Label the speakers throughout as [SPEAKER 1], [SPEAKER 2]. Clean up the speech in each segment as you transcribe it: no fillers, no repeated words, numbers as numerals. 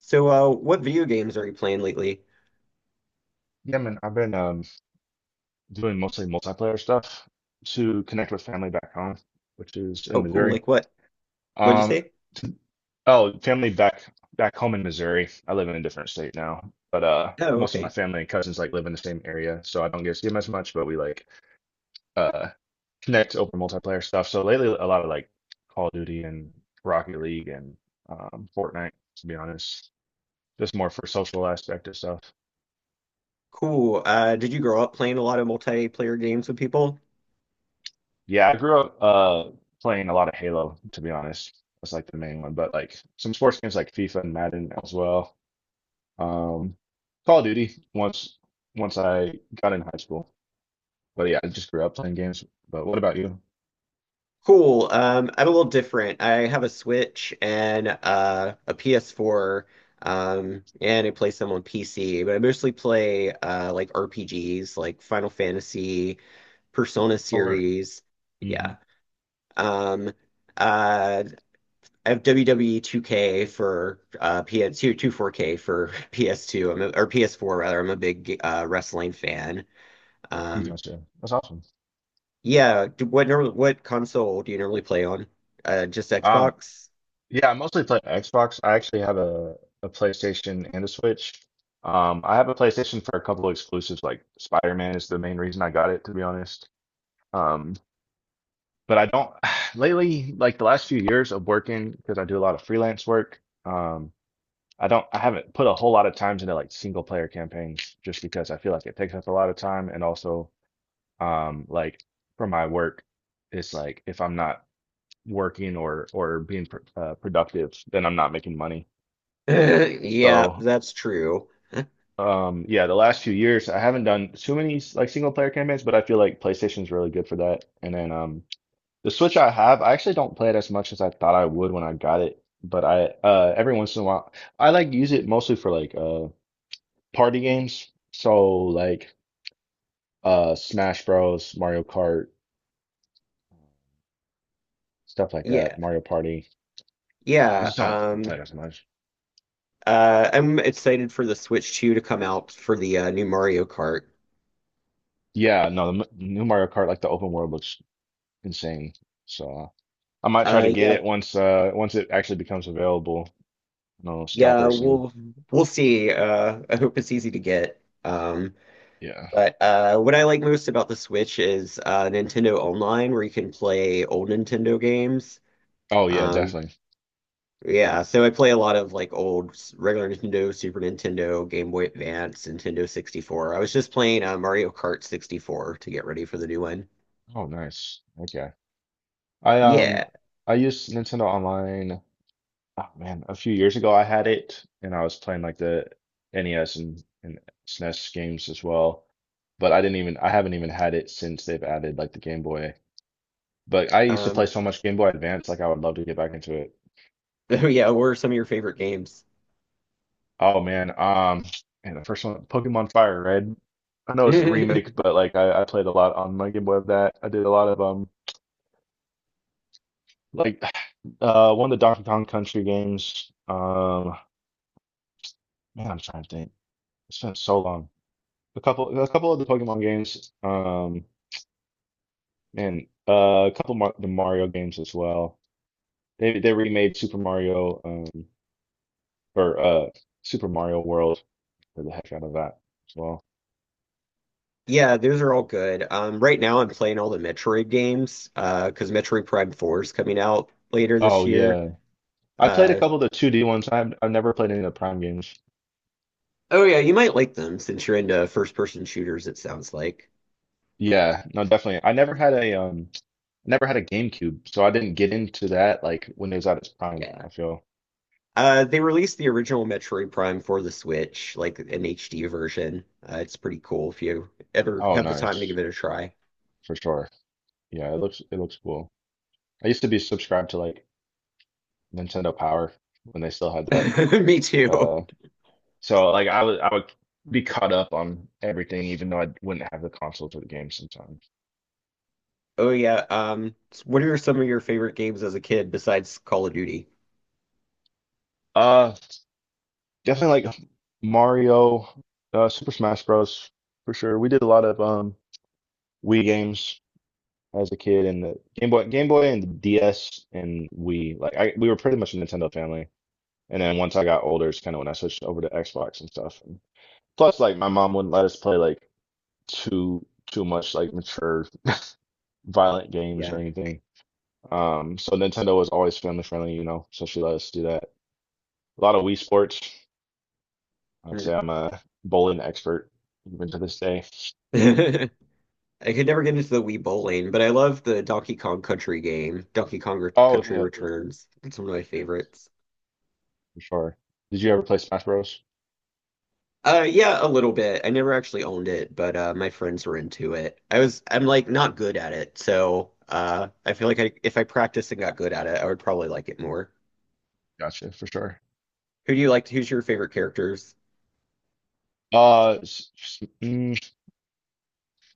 [SPEAKER 1] So, what video games are you playing lately?
[SPEAKER 2] Yeah, man, I've been doing mostly multiplayer stuff to connect with family back home, which is in
[SPEAKER 1] Oh, cool.
[SPEAKER 2] Missouri.
[SPEAKER 1] Like what? What'd you
[SPEAKER 2] Um,
[SPEAKER 1] say?
[SPEAKER 2] t- oh, family back home in Missouri. I live in a different state now, but
[SPEAKER 1] Oh,
[SPEAKER 2] most of my
[SPEAKER 1] okay.
[SPEAKER 2] family and cousins like live in the same area, so I don't get to see them as much. But we like uh connect over multiplayer stuff. So lately, a lot of like Call of Duty and Rocket League and Fortnite, to be honest, just more for social aspect of stuff.
[SPEAKER 1] Cool. Did you grow up playing a lot of multiplayer games with people?
[SPEAKER 2] Yeah, I grew up playing a lot of Halo, to be honest. That's like the main one, but like some sports games like FIFA and Madden as well. Um, Call of Duty once I got in high school. But yeah, I just grew up playing games. But what about you?
[SPEAKER 1] Cool. I'm a little different. I have a Switch and a PS4, and I play some on PC, but I mostly play like RPGs, like Final Fantasy, Persona
[SPEAKER 2] Oh, word.
[SPEAKER 1] series.
[SPEAKER 2] Mm-hmm.
[SPEAKER 1] Yeah. Um, uh, I have WWE 2K for PS2, 24K for PS2, or PS4 rather. I'm a big wrestling fan.
[SPEAKER 2] You
[SPEAKER 1] Um,
[SPEAKER 2] gotcha. That's awesome.
[SPEAKER 1] yeah, what console do you normally play on? Just
[SPEAKER 2] Um,
[SPEAKER 1] Xbox?
[SPEAKER 2] yeah, I mostly play Xbox. I actually have a PlayStation and a Switch. I have a PlayStation for a couple of exclusives, like Spider-Man is the main reason I got it, to be honest. Um, but I don't lately, like the last few years of working, because I do a lot of freelance work. I haven't put a whole lot of times into like single player campaigns just because I feel like it takes up a lot of time. And also, um, like for my work, it's like if I'm not working or being pr productive, then I'm not making money.
[SPEAKER 1] Yeah,
[SPEAKER 2] So,
[SPEAKER 1] that's true.
[SPEAKER 2] yeah, the last few years I haven't done too many like single player campaigns, but I feel like PlayStation's really good for that. And then, the Switch I have, I actually don't play it as much as I thought I would when I got it, but I every once in a while I like use it mostly for like party games. So like Smash Bros, Mario Kart, stuff like that,
[SPEAKER 1] Yeah,
[SPEAKER 2] Mario Party. I
[SPEAKER 1] yeah.
[SPEAKER 2] just don't play it as much.
[SPEAKER 1] I'm excited for the Switch 2 to come out for the new Mario Kart.
[SPEAKER 2] Yeah, no, the new Mario Kart, like the open world looks insane. So I might try to get it
[SPEAKER 1] Yeah,
[SPEAKER 2] once it actually becomes available. No
[SPEAKER 1] yeah.
[SPEAKER 2] scalpers and
[SPEAKER 1] We'll see. I hope it's easy to get.
[SPEAKER 2] yeah.
[SPEAKER 1] But what I like most about the Switch is Nintendo Online, where you can play old Nintendo games.
[SPEAKER 2] Oh yeah,
[SPEAKER 1] Um,
[SPEAKER 2] definitely.
[SPEAKER 1] yeah, so I play a lot of like regular Nintendo, Super Nintendo, Game Boy Advance, Nintendo 64. I was just playing Mario Kart 64 to get ready for the new one.
[SPEAKER 2] Oh nice. Okay. I um
[SPEAKER 1] Yeah.
[SPEAKER 2] I used Nintendo Online, oh man, a few years ago I had it and I was playing like the NES and SNES games as well. But I haven't even had it since they've added like the Game Boy. But I used to play
[SPEAKER 1] Um,
[SPEAKER 2] so much Game Boy Advance, like I would love to get back into it.
[SPEAKER 1] yeah, what are some of your favorite games?
[SPEAKER 2] Oh man, um, and the first one, Pokemon Fire Red. I know it's a remake, but I played a lot on my Game Boy of that. I did a lot of like one of the Donkey Kong Country games. Um, man, I'm trying to think. It's been so long. A couple of the Pokemon games, and a couple of the Mario games as well. They remade Super Mario, or Super Mario World. For the heck out of that as well.
[SPEAKER 1] Yeah, those are all good. Right now I'm playing all the Metroid games, because Metroid Prime 4 is coming out later
[SPEAKER 2] Oh
[SPEAKER 1] this year.
[SPEAKER 2] yeah, I played a
[SPEAKER 1] Uh,
[SPEAKER 2] couple of the 2D ones. I've never played any of the Prime games.
[SPEAKER 1] Oh yeah, you might like them since you're into first-person shooters, it sounds like.
[SPEAKER 2] Yeah, no, definitely. I never had a Never had a GameCube, so I didn't get into that like when it was at its prime, I
[SPEAKER 1] Yeah.
[SPEAKER 2] feel.
[SPEAKER 1] They released the original Metroid Prime for the Switch, like an HD version. It's pretty cool if you ever
[SPEAKER 2] Oh,
[SPEAKER 1] have the time to
[SPEAKER 2] nice.
[SPEAKER 1] give it a try.
[SPEAKER 2] For sure. Yeah, it looks cool. I used to be subscribed to like Nintendo Power when they still had that.
[SPEAKER 1] Me too.
[SPEAKER 2] Uh, so like I would be caught up on everything, even though I wouldn't have the console for the game sometimes.
[SPEAKER 1] Oh yeah. What are some of your favorite games as a kid besides Call of Duty?
[SPEAKER 2] Uh, definitely like Mario, Super Smash Bros. For sure. We did a lot of Wii games as a kid, and the Game Boy, and the DS, and Wii like I we were pretty much a Nintendo family. And then once I got older, it's kind of when I switched over to Xbox and stuff. And plus, like my mom wouldn't let us play like too too much like mature violent games or
[SPEAKER 1] Yeah.
[SPEAKER 2] anything. So Nintendo was always family friendly, you know, so she let us do that. A lot of Wii Sports. I'd
[SPEAKER 1] Mm.
[SPEAKER 2] say I'm a bowling expert even to this day.
[SPEAKER 1] I could never get into the Wii Bowling, but I love the Donkey Kong Country game.
[SPEAKER 2] Oh
[SPEAKER 1] Country
[SPEAKER 2] yeah,
[SPEAKER 1] Returns. It's one of my
[SPEAKER 2] yeah,
[SPEAKER 1] favorites.
[SPEAKER 2] for sure. Did you ever play Smash Bros?
[SPEAKER 1] Yeah, a little bit. I never actually owned it, but my friends were into it. I'm like not good at it, so I feel like if I practiced and got good at it, I would probably like it more.
[SPEAKER 2] Gotcha, for sure.
[SPEAKER 1] Who do you like? Who's your favorite characters?
[SPEAKER 2] Uh, s- s- mm,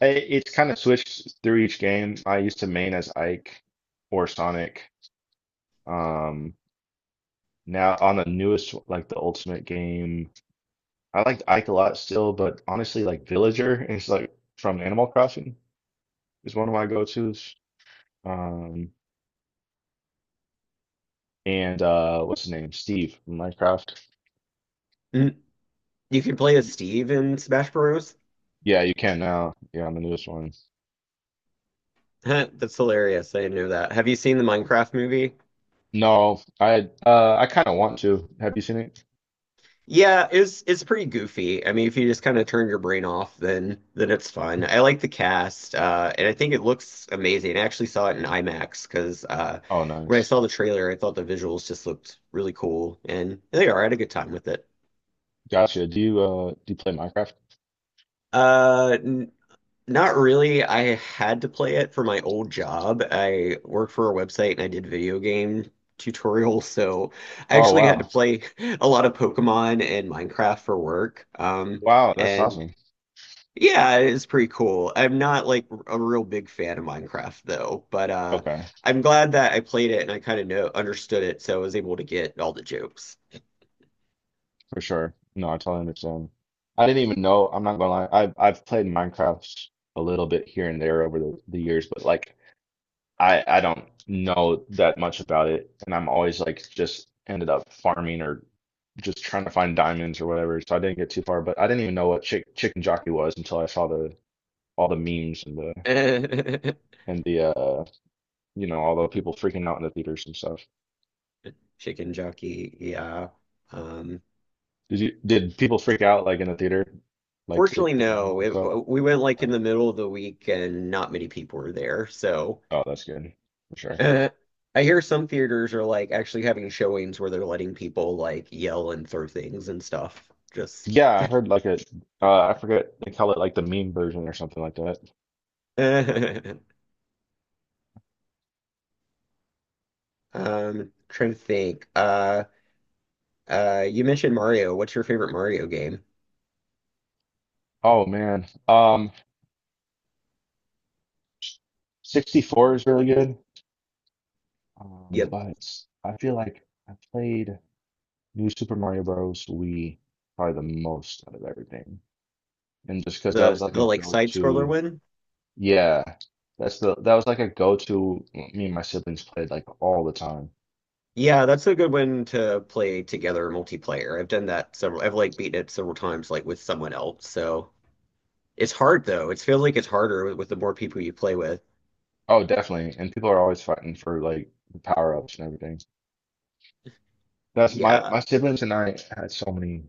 [SPEAKER 2] it's kind of switched through each game. I used to main as Ike or Sonic. Um, now on the newest, like the Ultimate game, I liked Ike a lot still, but honestly, like Villager is like from Animal Crossing is one of my go-tos. Um, and what's his name? Steve from Minecraft.
[SPEAKER 1] Mm, you can play as Steve in Smash Bros.
[SPEAKER 2] Yeah, you can now. Yeah, I'm the newest one.
[SPEAKER 1] That's hilarious. I didn't know that. Have you seen the Minecraft movie?
[SPEAKER 2] No, I kind of want to. Have you seen it?
[SPEAKER 1] Yeah, it's pretty goofy. I mean, if you just kind of turn your brain off, then it's fun. I like the cast, and I think it looks amazing. I actually saw it in IMAX because
[SPEAKER 2] Oh,
[SPEAKER 1] when I
[SPEAKER 2] nice.
[SPEAKER 1] saw the trailer, I thought the visuals just looked really cool, and they are. I had a good time with it.
[SPEAKER 2] Gotcha. Do you play Minecraft?
[SPEAKER 1] N Not really. I had to play it for my old job. I worked for a website and I did video game tutorials, so I
[SPEAKER 2] Oh
[SPEAKER 1] actually had to
[SPEAKER 2] wow,
[SPEAKER 1] play a lot of Pokemon and Minecraft for work.
[SPEAKER 2] wow, that's
[SPEAKER 1] And
[SPEAKER 2] awesome.
[SPEAKER 1] Yeah, it's pretty cool. I'm not like a real big fan of Minecraft though, but
[SPEAKER 2] Okay,
[SPEAKER 1] I'm glad that I played it and I kind of know understood it, so I was able to get all the jokes.
[SPEAKER 2] for sure. No, I totally understand. I didn't even know. I'm not gonna lie. I've played Minecraft a little bit here and there over the years, but like I don't know that much about it, and I'm always like just ended up farming or just trying to find diamonds or whatever. So I didn't get too far, but I didn't even know what chicken jockey was until I saw the all the memes and the you know all the people freaking out in the theaters and stuff.
[SPEAKER 1] Chicken jockey, yeah. Um
[SPEAKER 2] Did you did people freak out like in the theater, like
[SPEAKER 1] Fortunately
[SPEAKER 2] the memes
[SPEAKER 1] no,
[SPEAKER 2] and stuff?
[SPEAKER 1] we went like
[SPEAKER 2] Okay.
[SPEAKER 1] in the middle of the week and not many people were there. So
[SPEAKER 2] Oh, that's good for sure.
[SPEAKER 1] uh, I hear some theaters are like actually having showings where they're letting people like yell and throw things and stuff. Just
[SPEAKER 2] Yeah, I heard like a I forget they call it like the meme version or something like that.
[SPEAKER 1] um trying to think. You mentioned Mario. What's your favorite Mario game?
[SPEAKER 2] Oh man, 64 is really good.
[SPEAKER 1] Yep,
[SPEAKER 2] But I feel like I played New Super Mario Bros. Wii probably the most out of everything. And just because that was
[SPEAKER 1] the
[SPEAKER 2] like a
[SPEAKER 1] like side scroller
[SPEAKER 2] go-to,
[SPEAKER 1] one.
[SPEAKER 2] yeah, that was like a go-to. Well, me and my siblings played like all the time.
[SPEAKER 1] Yeah, that's a good one to play together multiplayer. I've done that several. I've like beaten it several times, like with someone else. So it's hard though. It feels like it's harder with the more people you play with.
[SPEAKER 2] Oh, definitely. And people are always fighting for like the power-ups and everything. That's
[SPEAKER 1] Yeah.
[SPEAKER 2] my siblings and I had so many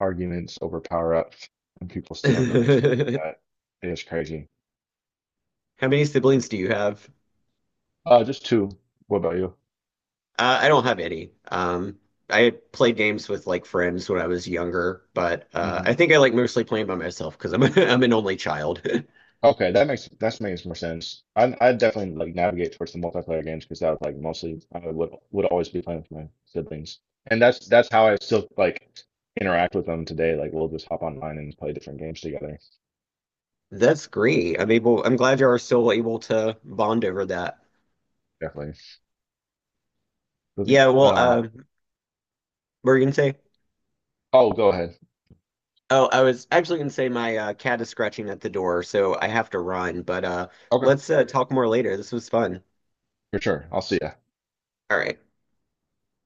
[SPEAKER 2] arguments over power-ups and people stealing them and stuff like
[SPEAKER 1] How
[SPEAKER 2] that. It's crazy.
[SPEAKER 1] many siblings do you have?
[SPEAKER 2] Just two. What about you?
[SPEAKER 1] I don't have any. I played games with like friends when I was younger, but I think I like mostly playing by myself because I'm I'm an only child.
[SPEAKER 2] Okay, that makes more sense. I definitely like navigate towards the multiplayer games because that was like mostly I would always be playing with my siblings, and that's how I still like interact with them today. Like we'll just hop online and play different games together.
[SPEAKER 1] That's
[SPEAKER 2] Oh,
[SPEAKER 1] great. I'm glad you are still able to bond over that.
[SPEAKER 2] definitely.
[SPEAKER 1] Yeah, well,
[SPEAKER 2] Uh,
[SPEAKER 1] what were you gonna say?
[SPEAKER 2] oh, go ahead.
[SPEAKER 1] Oh, I was actually gonna say my cat is scratching at the door, so I have to run, but
[SPEAKER 2] Okay,
[SPEAKER 1] let's talk more later. This was fun.
[SPEAKER 2] for sure. I'll see ya.
[SPEAKER 1] All right.